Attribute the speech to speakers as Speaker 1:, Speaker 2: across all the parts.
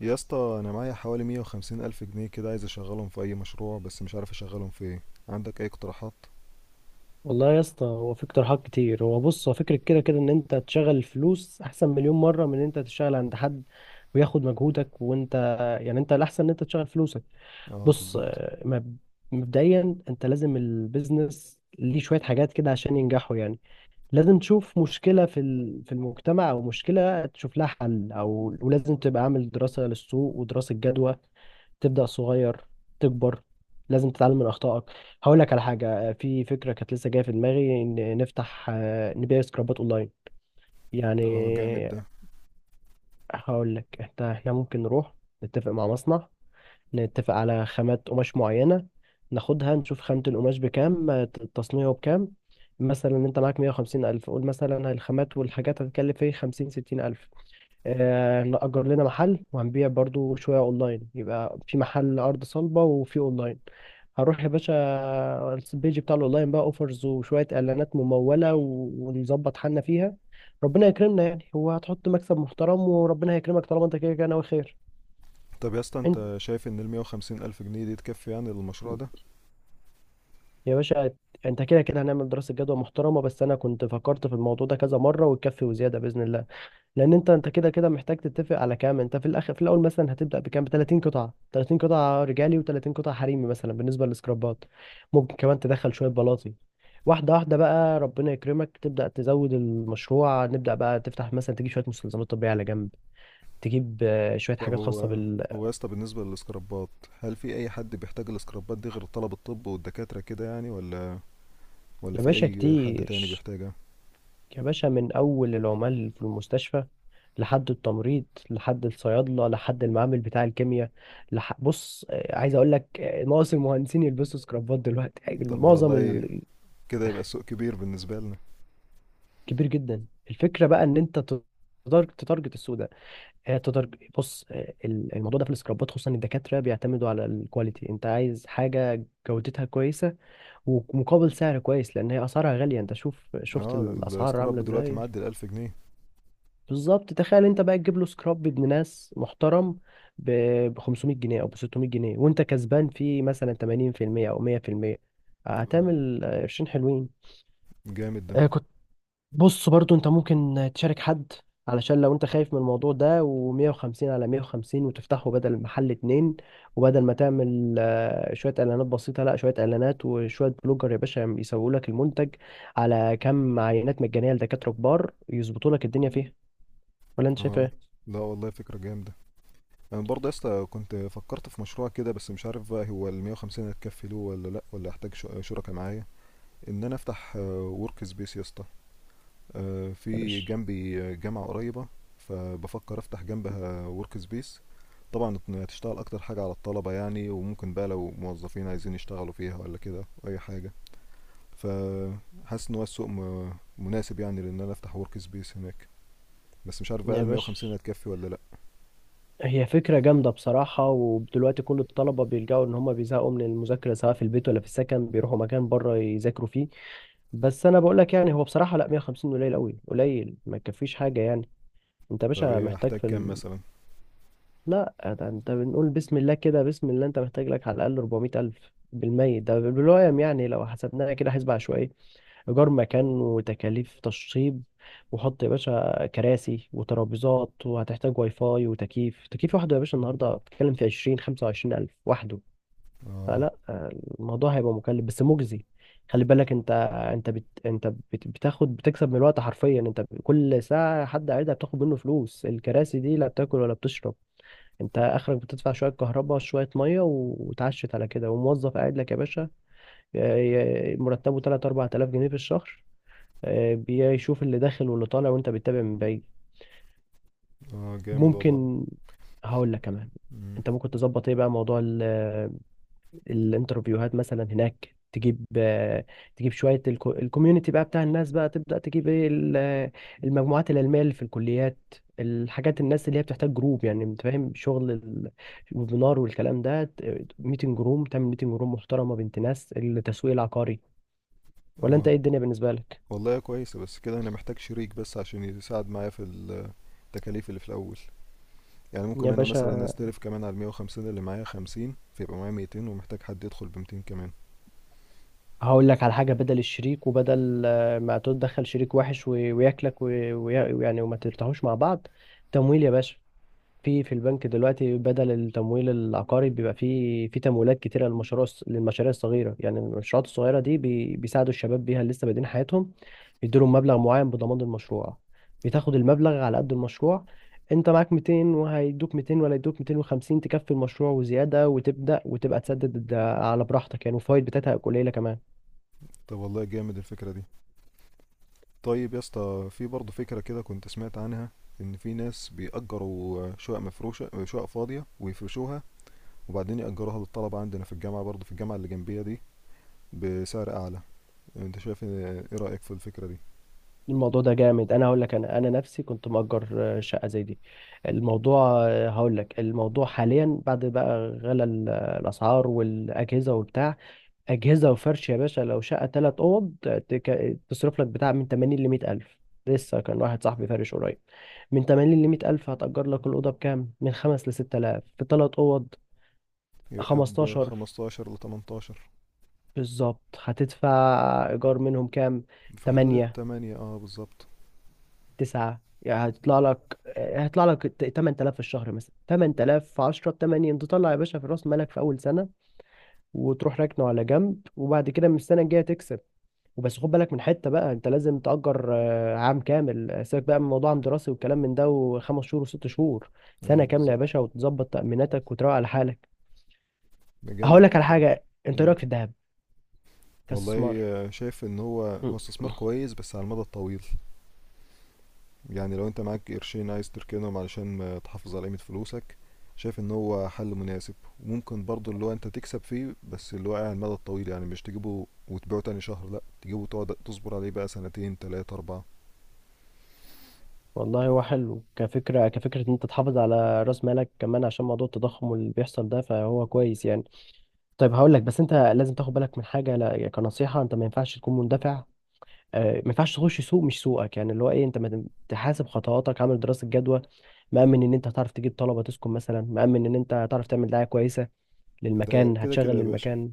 Speaker 1: يا اسطى، انا معايا حوالي 150 الف جنيه كده، عايز اشغلهم في اي مشروع بس مش عارف اشغلهم في ايه. عندك اي اقتراحات؟
Speaker 2: والله يا اسطى، هو في اقتراحات كتير. هو بص، هو فكرة كده كده ان انت تشغل فلوس احسن مليون مرة من ان انت تشتغل عند حد وياخد مجهودك. وانت يعني، انت الاحسن ان انت تشغل فلوسك.
Speaker 1: اه،
Speaker 2: بص،
Speaker 1: بالظبط.
Speaker 2: مبدئيا انت لازم البيزنس ليه شوية حاجات كده عشان ينجحوا يعني. لازم تشوف مشكلة في المجتمع، أو مشكلة تشوف لها حل، أو ولازم تبقى عامل دراسة للسوق ودراسة جدوى. تبدأ صغير، تكبر. لازم تتعلم من أخطائك. هقول لك على حاجة، في فكرة كانت لسه جاية في دماغي إن نفتح، نبيع سكرابات أونلاين يعني.
Speaker 1: اه، جامد ده.
Speaker 2: هقول لك إحنا ممكن نروح، نتفق مع مصنع، نتفق على خامات قماش معينة، ناخدها نشوف خامة القماش بكام، التصنيع بكام. مثلا انت معاك مية وخمسين ألف، قول مثلا الخامات والحاجات هتكلف ايه؟ خمسين ستين ألف. آه، نأجر لنا محل وهنبيع برضو شوية أونلاين، يبقى في محل أرض صلبة وفي أونلاين. هروح يا باشا البيج بتاع الأونلاين بقى أوفرز وشوية إعلانات ممولة ونظبط حالنا فيها. ربنا يكرمنا يعني، هو هتحط مكسب محترم وربنا هيكرمك طالما انت كده كده ناوي خير.
Speaker 1: طب يا اسطى،
Speaker 2: انت
Speaker 1: انت شايف ان ال 150 الف جنيه دي تكفي يعني للمشروع ده؟
Speaker 2: يا باشا، انت كده كده هنعمل دراسة جدوى محترمة، بس انا كنت فكرت في الموضوع ده كذا مرة، وتكفي وزيادة بإذن الله. لان انت كده كده محتاج تتفق على كام. انت في الاخر، في الاول مثلا هتبدأ بكام؟ ب 30 قطعة، 30 قطعة رجالي و30 قطعة حريمي مثلا بالنسبة للسكرابات. ممكن كمان تدخل شوية بلاطي. واحدة واحدة بقى ربنا يكرمك تبدأ تزود المشروع. نبدأ بقى تفتح، مثلا تجيب شوية مستلزمات طبية على جنب، تجيب شوية
Speaker 1: طب
Speaker 2: حاجات خاصة
Speaker 1: هو
Speaker 2: بال.
Speaker 1: هو يا اسطى، بالنسبه للسكرابات، هل في اي حد بيحتاج السكرابات دي غير طلب الطب والدكاتره كده يعني؟ ولا
Speaker 2: يا
Speaker 1: في
Speaker 2: باشا
Speaker 1: اي حد
Speaker 2: كتير،
Speaker 1: تاني بيحتاجها؟
Speaker 2: يا باشا من أول العمال في المستشفى، لحد التمريض، لحد الصيادله، لحد المعامل بتاع الكيمياء. لح... بص آه، عايز اقول لك، ناقص المهندسين يلبسوا سكرافات دلوقتي يعني
Speaker 1: طب ده والله، كده يبقى السوق كبير بالنسبه لنا.
Speaker 2: كبير جدا. الفكره بقى ان انت تتارجت السوق ده. هي تتارج... بص آه، ال- الموضوع ده في السكرابات، خصوصا الدكاتره بيعتمدوا على الكواليتي، انت عايز حاجه جودتها كويسه ومقابل سعر كويس، لان هي اسعارها غاليه. انت شوف، شفت
Speaker 1: اه،
Speaker 2: الاسعار عامله
Speaker 1: السكراب دلوقتي
Speaker 2: ازاي.
Speaker 1: معدي الالف جنيه.
Speaker 2: بالظبط، تخيل انت بقى تجيب له سكراب بابن ناس محترم ب 500 جنيه او ب 600 جنيه، وانت كسبان فيه مثلا 80% او 100%.
Speaker 1: اه،
Speaker 2: هتعمل قرشين حلوين.
Speaker 1: جامد ده.
Speaker 2: آه، كنت بص برضو، انت ممكن تشارك حد علشان لو انت خايف من الموضوع ده، و150 على 150 وتفتحه بدل المحل اتنين. وبدل ما تعمل شوية اعلانات بسيطة، لا، شوية اعلانات وشوية بلوجر يا باشا يسوقوا لك المنتج، على كم عينات مجانية لدكاترة كبار يظبطوا لك الدنيا فيها. ولا انت شايف
Speaker 1: اه،
Speaker 2: ايه؟
Speaker 1: لا والله فكره جامده. انا برضه يا اسطى كنت فكرت في مشروع كده، بس مش عارف بقى هو ال 150 هتكفي له ولا لا، ولا احتاج شركاء معايا. ان انا افتح ورك سبيس يا اسطى،
Speaker 2: يا
Speaker 1: في
Speaker 2: باشا،
Speaker 1: جنبي جامعة قريبة، فبفكر افتح جنبها ورك سبيس. طبعا إن هتشتغل اكتر حاجة على الطلبة يعني، وممكن بقى لو موظفين عايزين يشتغلوا فيها ولا كده اي حاجة. فحاسس ان هو السوق مناسب يعني، لان انا افتح ورك سبيس هناك، بس مش عارف بقى
Speaker 2: يا
Speaker 1: هل
Speaker 2: باشا
Speaker 1: 150 هتكفي ولا لا.
Speaker 2: هي فكرة جامدة بصراحة. ودلوقتي كل الطلبة بيلجأوا، إن هما بيزهقوا من المذاكرة سواء في البيت ولا في السكن، بيروحوا مكان بره يذاكروا فيه. بس أنا بقول لك يعني، هو بصراحة لا، 150 قليل أوي، قليل ما يكفيش حاجة يعني. أنت يا
Speaker 1: طب
Speaker 2: باشا
Speaker 1: ايه
Speaker 2: محتاج
Speaker 1: احتاج
Speaker 2: في ال...
Speaker 1: كام مثلا؟
Speaker 2: لا، ده أنت بنقول بسم الله كده، بسم الله أنت محتاج لك على الأقل 400 ألف بالمية ده بالوقت يعني. لو حسبناها كده حسبة عشوائية، إيجار مكان وتكاليف تشطيب، وحط يا باشا كراسي وترابيزات، وهتحتاج واي فاي وتكييف. تكييف واحده يا باشا النهاردة بتتكلم في عشرين خمسة وعشرين ألف وحده.
Speaker 1: اه.
Speaker 2: فلا، الموضوع هيبقى مكلف بس مجزي. خلي بالك انت بتاخد، بتكسب من الوقت حرفيا. انت كل ساعة حد قاعدها بتاخد منه فلوس. الكراسي دي لا بتاكل ولا بتشرب. انت اخرك بتدفع شوية كهرباء، شوية مية، وتعشت على كده. وموظف قاعد لك يا باشا مرتبه 3 4000 جنيه في الشهر، بيشوف اللي داخل واللي طالع، وانت بتتابع من بعيد.
Speaker 1: اه، جامد والله.
Speaker 2: ممكن، هقول لك كمان،
Speaker 1: مم.
Speaker 2: انت ممكن تظبط ايه بقى؟ موضوع الانترفيوهات مثلا هناك. تجيب، تجيب شويه الكوميونتي بقى بتاع الناس بقى، تبدا تجيب ايه؟ المجموعات العلميه اللي في الكليات، الحاجات، الناس اللي هي بتحتاج جروب يعني. انت فاهم شغل الويبينار والكلام ده، ميتنج روم. تعمل ميتنج روم محترمه، بنت ناس، التسويق العقاري. ولا انت
Speaker 1: اه.
Speaker 2: ايه الدنيا بالنسبه لك؟
Speaker 1: والله كويسة، بس كده انا محتاج شريك بس عشان يساعد معايا في التكاليف اللي في الاول. يعني
Speaker 2: يا
Speaker 1: ممكن انا
Speaker 2: باشا،
Speaker 1: مثلا استلف كمان على المية وخمسين، اللي معايا خمسين فيبقى معايا ميتين، ومحتاج حد يدخل بمتين كمان.
Speaker 2: هقول لك على حاجة، بدل الشريك، وبدل ما تدخل شريك وحش وياكلك ويعني وما ترتاحوش مع بعض. تمويل يا باشا. في البنك دلوقتي بدل التمويل العقاري، بيبقى في تمويلات كتيرة للمشاريع للمشاريع الصغيرة. يعني المشروعات الصغيرة دي بيساعدوا الشباب بيها اللي لسه بادئين حياتهم. يديلهم مبلغ معين بضمان المشروع. بتاخد المبلغ على قد المشروع. انت معاك 200 وهيدوك 200، ولا يدوك 250 تكفي المشروع وزيادة، وتبدأ وتبقى تسدد على براحتك يعني. والفوائد بتاعتها قليلة كمان.
Speaker 1: طب والله جامد الفكرة دي. طيب يا اسطى، في برضه فكرة كده كنت سمعت عنها، ان في ناس بيأجروا شقق مفروشة، شقق فاضية ويفرشوها، وبعدين يأجروها للطلبة عندنا في الجامعة، برضه في الجامعة اللي جنبية دي، بسعر اعلى. انت شايف ايه رأيك في الفكرة دي؟
Speaker 2: الموضوع ده جامد. انا هقول لك، انا نفسي كنت مأجر شقه زي دي. الموضوع، هقول لك، الموضوع حاليا بعد بقى غلى الاسعار والاجهزه وبتاع. اجهزه وفرش يا باشا، لو شقه ثلاث اوض، تصرف لك بتاع من 80 ل 100 الف. لسه كان واحد صاحبي فارش قريب، من 80 ل 100 الف. هتأجر لك الاوضه بكام؟ من 5 ل 6000 في ثلاث اوض،
Speaker 1: يبقى ب
Speaker 2: 15.
Speaker 1: 15 ل 18.
Speaker 2: بالظبط. هتدفع ايجار منهم كام؟
Speaker 1: في حدود
Speaker 2: 8،
Speaker 1: التمانية، اه بالظبط.
Speaker 2: تسعة يعني. هيطلع لك، هيطلع لك 8000 في الشهر، مثلا 8000 في 10 ب 8، انت تطلع يا باشا في راس مالك في اول سنة. وتروح راكنه على جنب، وبعد كده من السنة الجاية تكسب. وبس، خد بالك من حتة بقى، انت لازم تأجر عام كامل، سيبك بقى من موضوع عام دراسي والكلام من ده، وخمس شهور وست شهور. سنة
Speaker 1: اه،
Speaker 2: كاملة يا
Speaker 1: بالظبط.
Speaker 2: باشا، وتظبط تأميناتك وتروق على حالك.
Speaker 1: ده جامدة
Speaker 2: هقول لك على
Speaker 1: الفكرة دي.
Speaker 2: حاجة، انت إيه
Speaker 1: مم.
Speaker 2: رأيك في الذهب
Speaker 1: والله،
Speaker 2: كاستثمار؟
Speaker 1: شايف ان هو
Speaker 2: مم.
Speaker 1: هو استثمار كويس بس على المدى الطويل. يعني لو انت معاك قرشين عايز تركنهم علشان ما تحافظ على قيمة فلوسك، شايف ان هو حل مناسب، وممكن برضو اللي هو انت تكسب فيه، بس اللي هو على المدى الطويل يعني، مش تجيبه وتبيعه تاني شهر، لا، تجيبه وتقعد تصبر عليه بقى سنتين تلاتة اربعة.
Speaker 2: والله هو حلو كفكرة، كفكرة ان انت تحافظ على راس مالك كمان عشان موضوع التضخم اللي بيحصل ده، فهو كويس يعني. طيب هقول لك بس انت لازم تاخد بالك من حاجه، لا يعني كنصيحه، انت ما ينفعش تكون مندفع، ما ينفعش تخش سوق مش سوقك. يعني اللي هو ايه؟ انت ما تم- تحاسب خطواتك عامل دراسه جدوى، مأمن ان انت هتعرف تجيب طلبه تسكن مثلا، مأمن ان انت هتعرف تعمل دعايه كويسه
Speaker 1: ده
Speaker 2: للمكان،
Speaker 1: كده كده
Speaker 2: هتشغل
Speaker 1: يا باشا.
Speaker 2: للمكان.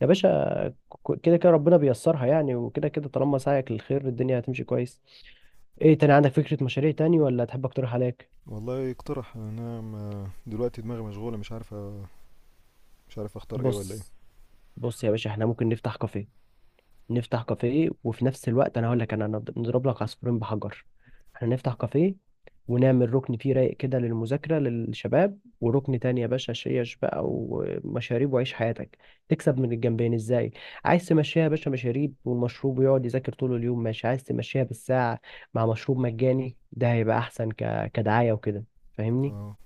Speaker 2: يا باشا، كده كده ربنا بيسرها يعني، وكده كده طالما سعيك للخير الدنيا هتمشي كويس. ايه تاني عندك فكره مشاريع تاني، ولا تحب اقترح عليك؟
Speaker 1: والله اقترح، انا دلوقتي دماغي مشغولة، مش عارف مش عارف اختار ايه ولا ايه.
Speaker 2: بص، بص يا باشا، احنا ممكن نفتح كافيه. نفتح كافيه، وفي نفس الوقت انا هقول لك، انا نضرب لك عصفورين بحجر. احنا نفتح كافيه، ونعمل ركن فيه رايق كده للمذاكرة للشباب، وركن تاني يا باشا شيش بقى ومشاريب وعيش حياتك. تكسب من الجنبين ازاي؟ عايز تمشيها يا باشا مشاريب، والمشروب يقعد يذاكر طول اليوم ماشي. عايز تمشيها بالساعة مع مشروب مجاني، ده هيبقى احسن كدعاية وكده. فاهمني؟
Speaker 1: اه،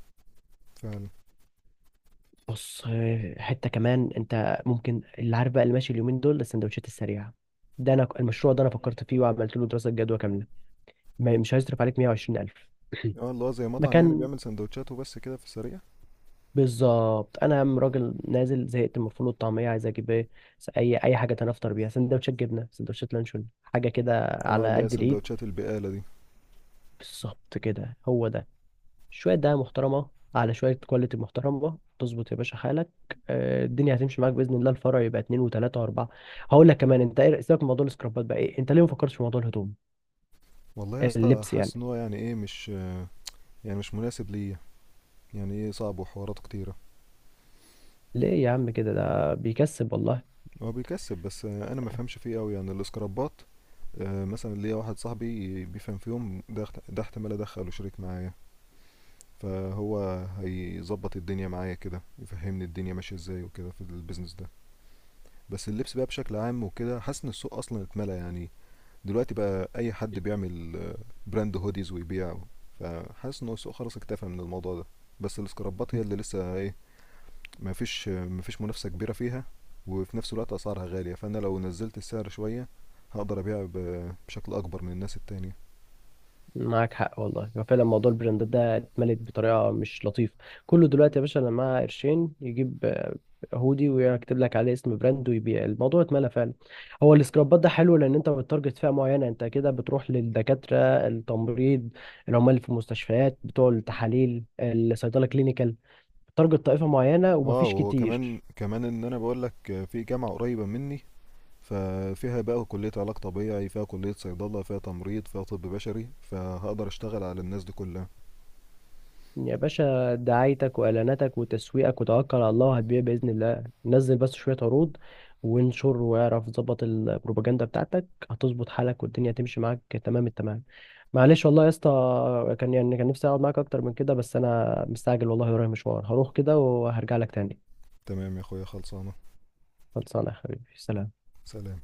Speaker 1: فعلا.
Speaker 2: بص، حتة كمان، انت ممكن اللي عارف بقى، اللي ماشي اليومين دول السندوتشات السريعة. ده انا المشروع ده انا فكرت فيه وعملت له دراسة جدوى كاملة. مش هيصرف عليك 120,000
Speaker 1: اه، اللي هو زي مطعم يعني،
Speaker 2: مكان،
Speaker 1: بيعمل سندوتشات وبس كده في السريع.
Speaker 2: بالظبط. انا راجل نازل زهقت من الفول والطعمية عايز اجيب ايه؟ اي حاجة تانية افطر بيها، سندوتشات جبنة، سندوتشات لانشون، حاجة كده
Speaker 1: اه،
Speaker 2: على
Speaker 1: اللي هي
Speaker 2: قد الايد.
Speaker 1: سندوتشات البقالة دي.
Speaker 2: بالظبط كده، هو ده. شوية دقة محترمة على شوية كواليتي محترمة، تظبط يا باشا حالك. الدنيا هتمشي معاك بإذن الله. الفرع يبقى اتنين وتلاتة وأربعة. هقول لك كمان، أنت إيه؟ سيبك من موضوع السكرابات بقى، إيه أنت ليه ما فكرتش في موضوع الهدوم،
Speaker 1: والله يا اسطى
Speaker 2: اللبس
Speaker 1: حاسس
Speaker 2: يعني؟
Speaker 1: ان هو يعني ايه، مش يعني مش مناسب ليا، يعني ايه، صعب وحواراته كتيرة.
Speaker 2: ليه يا عم كده؟ ده بيكسب والله.
Speaker 1: هو بيكسب، بس انا ما فهمش فيه قوي يعني الاسكرابات. مثلا ليا واحد صاحبي بيفهم فيهم، ده ده احتمال ادخله شريك معايا، فهو هيظبط الدنيا معايا كده، يفهمني الدنيا ماشيه ازاي وكده في البيزنس ده. بس اللبس بقى بشكل عام وكده حاسس ان السوق اصلا اتملى يعني. دلوقتي بقى اي حد بيعمل براند هوديز ويبيعه، فحاسس ان هو السوق خلاص اكتفى من الموضوع ده. بس السكرابات هي اللي لسه ايه، ما فيش منافسة كبيرة فيها، وفي نفس الوقت اسعارها غالية، فانا لو نزلت السعر شوية هقدر ابيع بشكل اكبر من الناس التانية.
Speaker 2: معاك حق والله، هو فعلا موضوع البراندات ده اتملت بطريقه مش لطيفه. كله دلوقتي يا باشا انا معاه قرشين يجيب هودي ويكتب لك عليه اسم براند ويبيع. الموضوع اتملى فعلا. هو السكرابات ده حلو لان انت بتارجت فئه معينه. انت كده بتروح للدكاتره، التمريض، العمال اللي في المستشفيات بتوع التحاليل، الصيدله، كلينيكال. بتارجت طائفه معينه
Speaker 1: اه،
Speaker 2: ومفيش
Speaker 1: وهو كمان
Speaker 2: كتير.
Speaker 1: كمان ان انا بقول لك في جامعة قريبة مني، ففيها بقى كلية علاج طبيعي، فيها كلية صيدلة، فيها تمريض، فيها طب بشري، فهقدر اشتغل على الناس دي كلها.
Speaker 2: يا باشا دعايتك واعلاناتك وتسويقك وتوكل على الله، وهتبيع باذن الله. نزل بس شويه عروض وانشر، واعرف ظبط البروباجندا بتاعتك، هتظبط حالك والدنيا تمشي معاك تمام التمام. معلش والله يا اسطى، كان يعني كان نفسي اقعد معاك اكتر من كده، بس انا مستعجل والله ورايا مشوار. هروح كده وهرجع لك تاني.
Speaker 1: تمام يا اخويا، خلصانة.
Speaker 2: خلصانه يا حبيبي، سلام.
Speaker 1: سلام.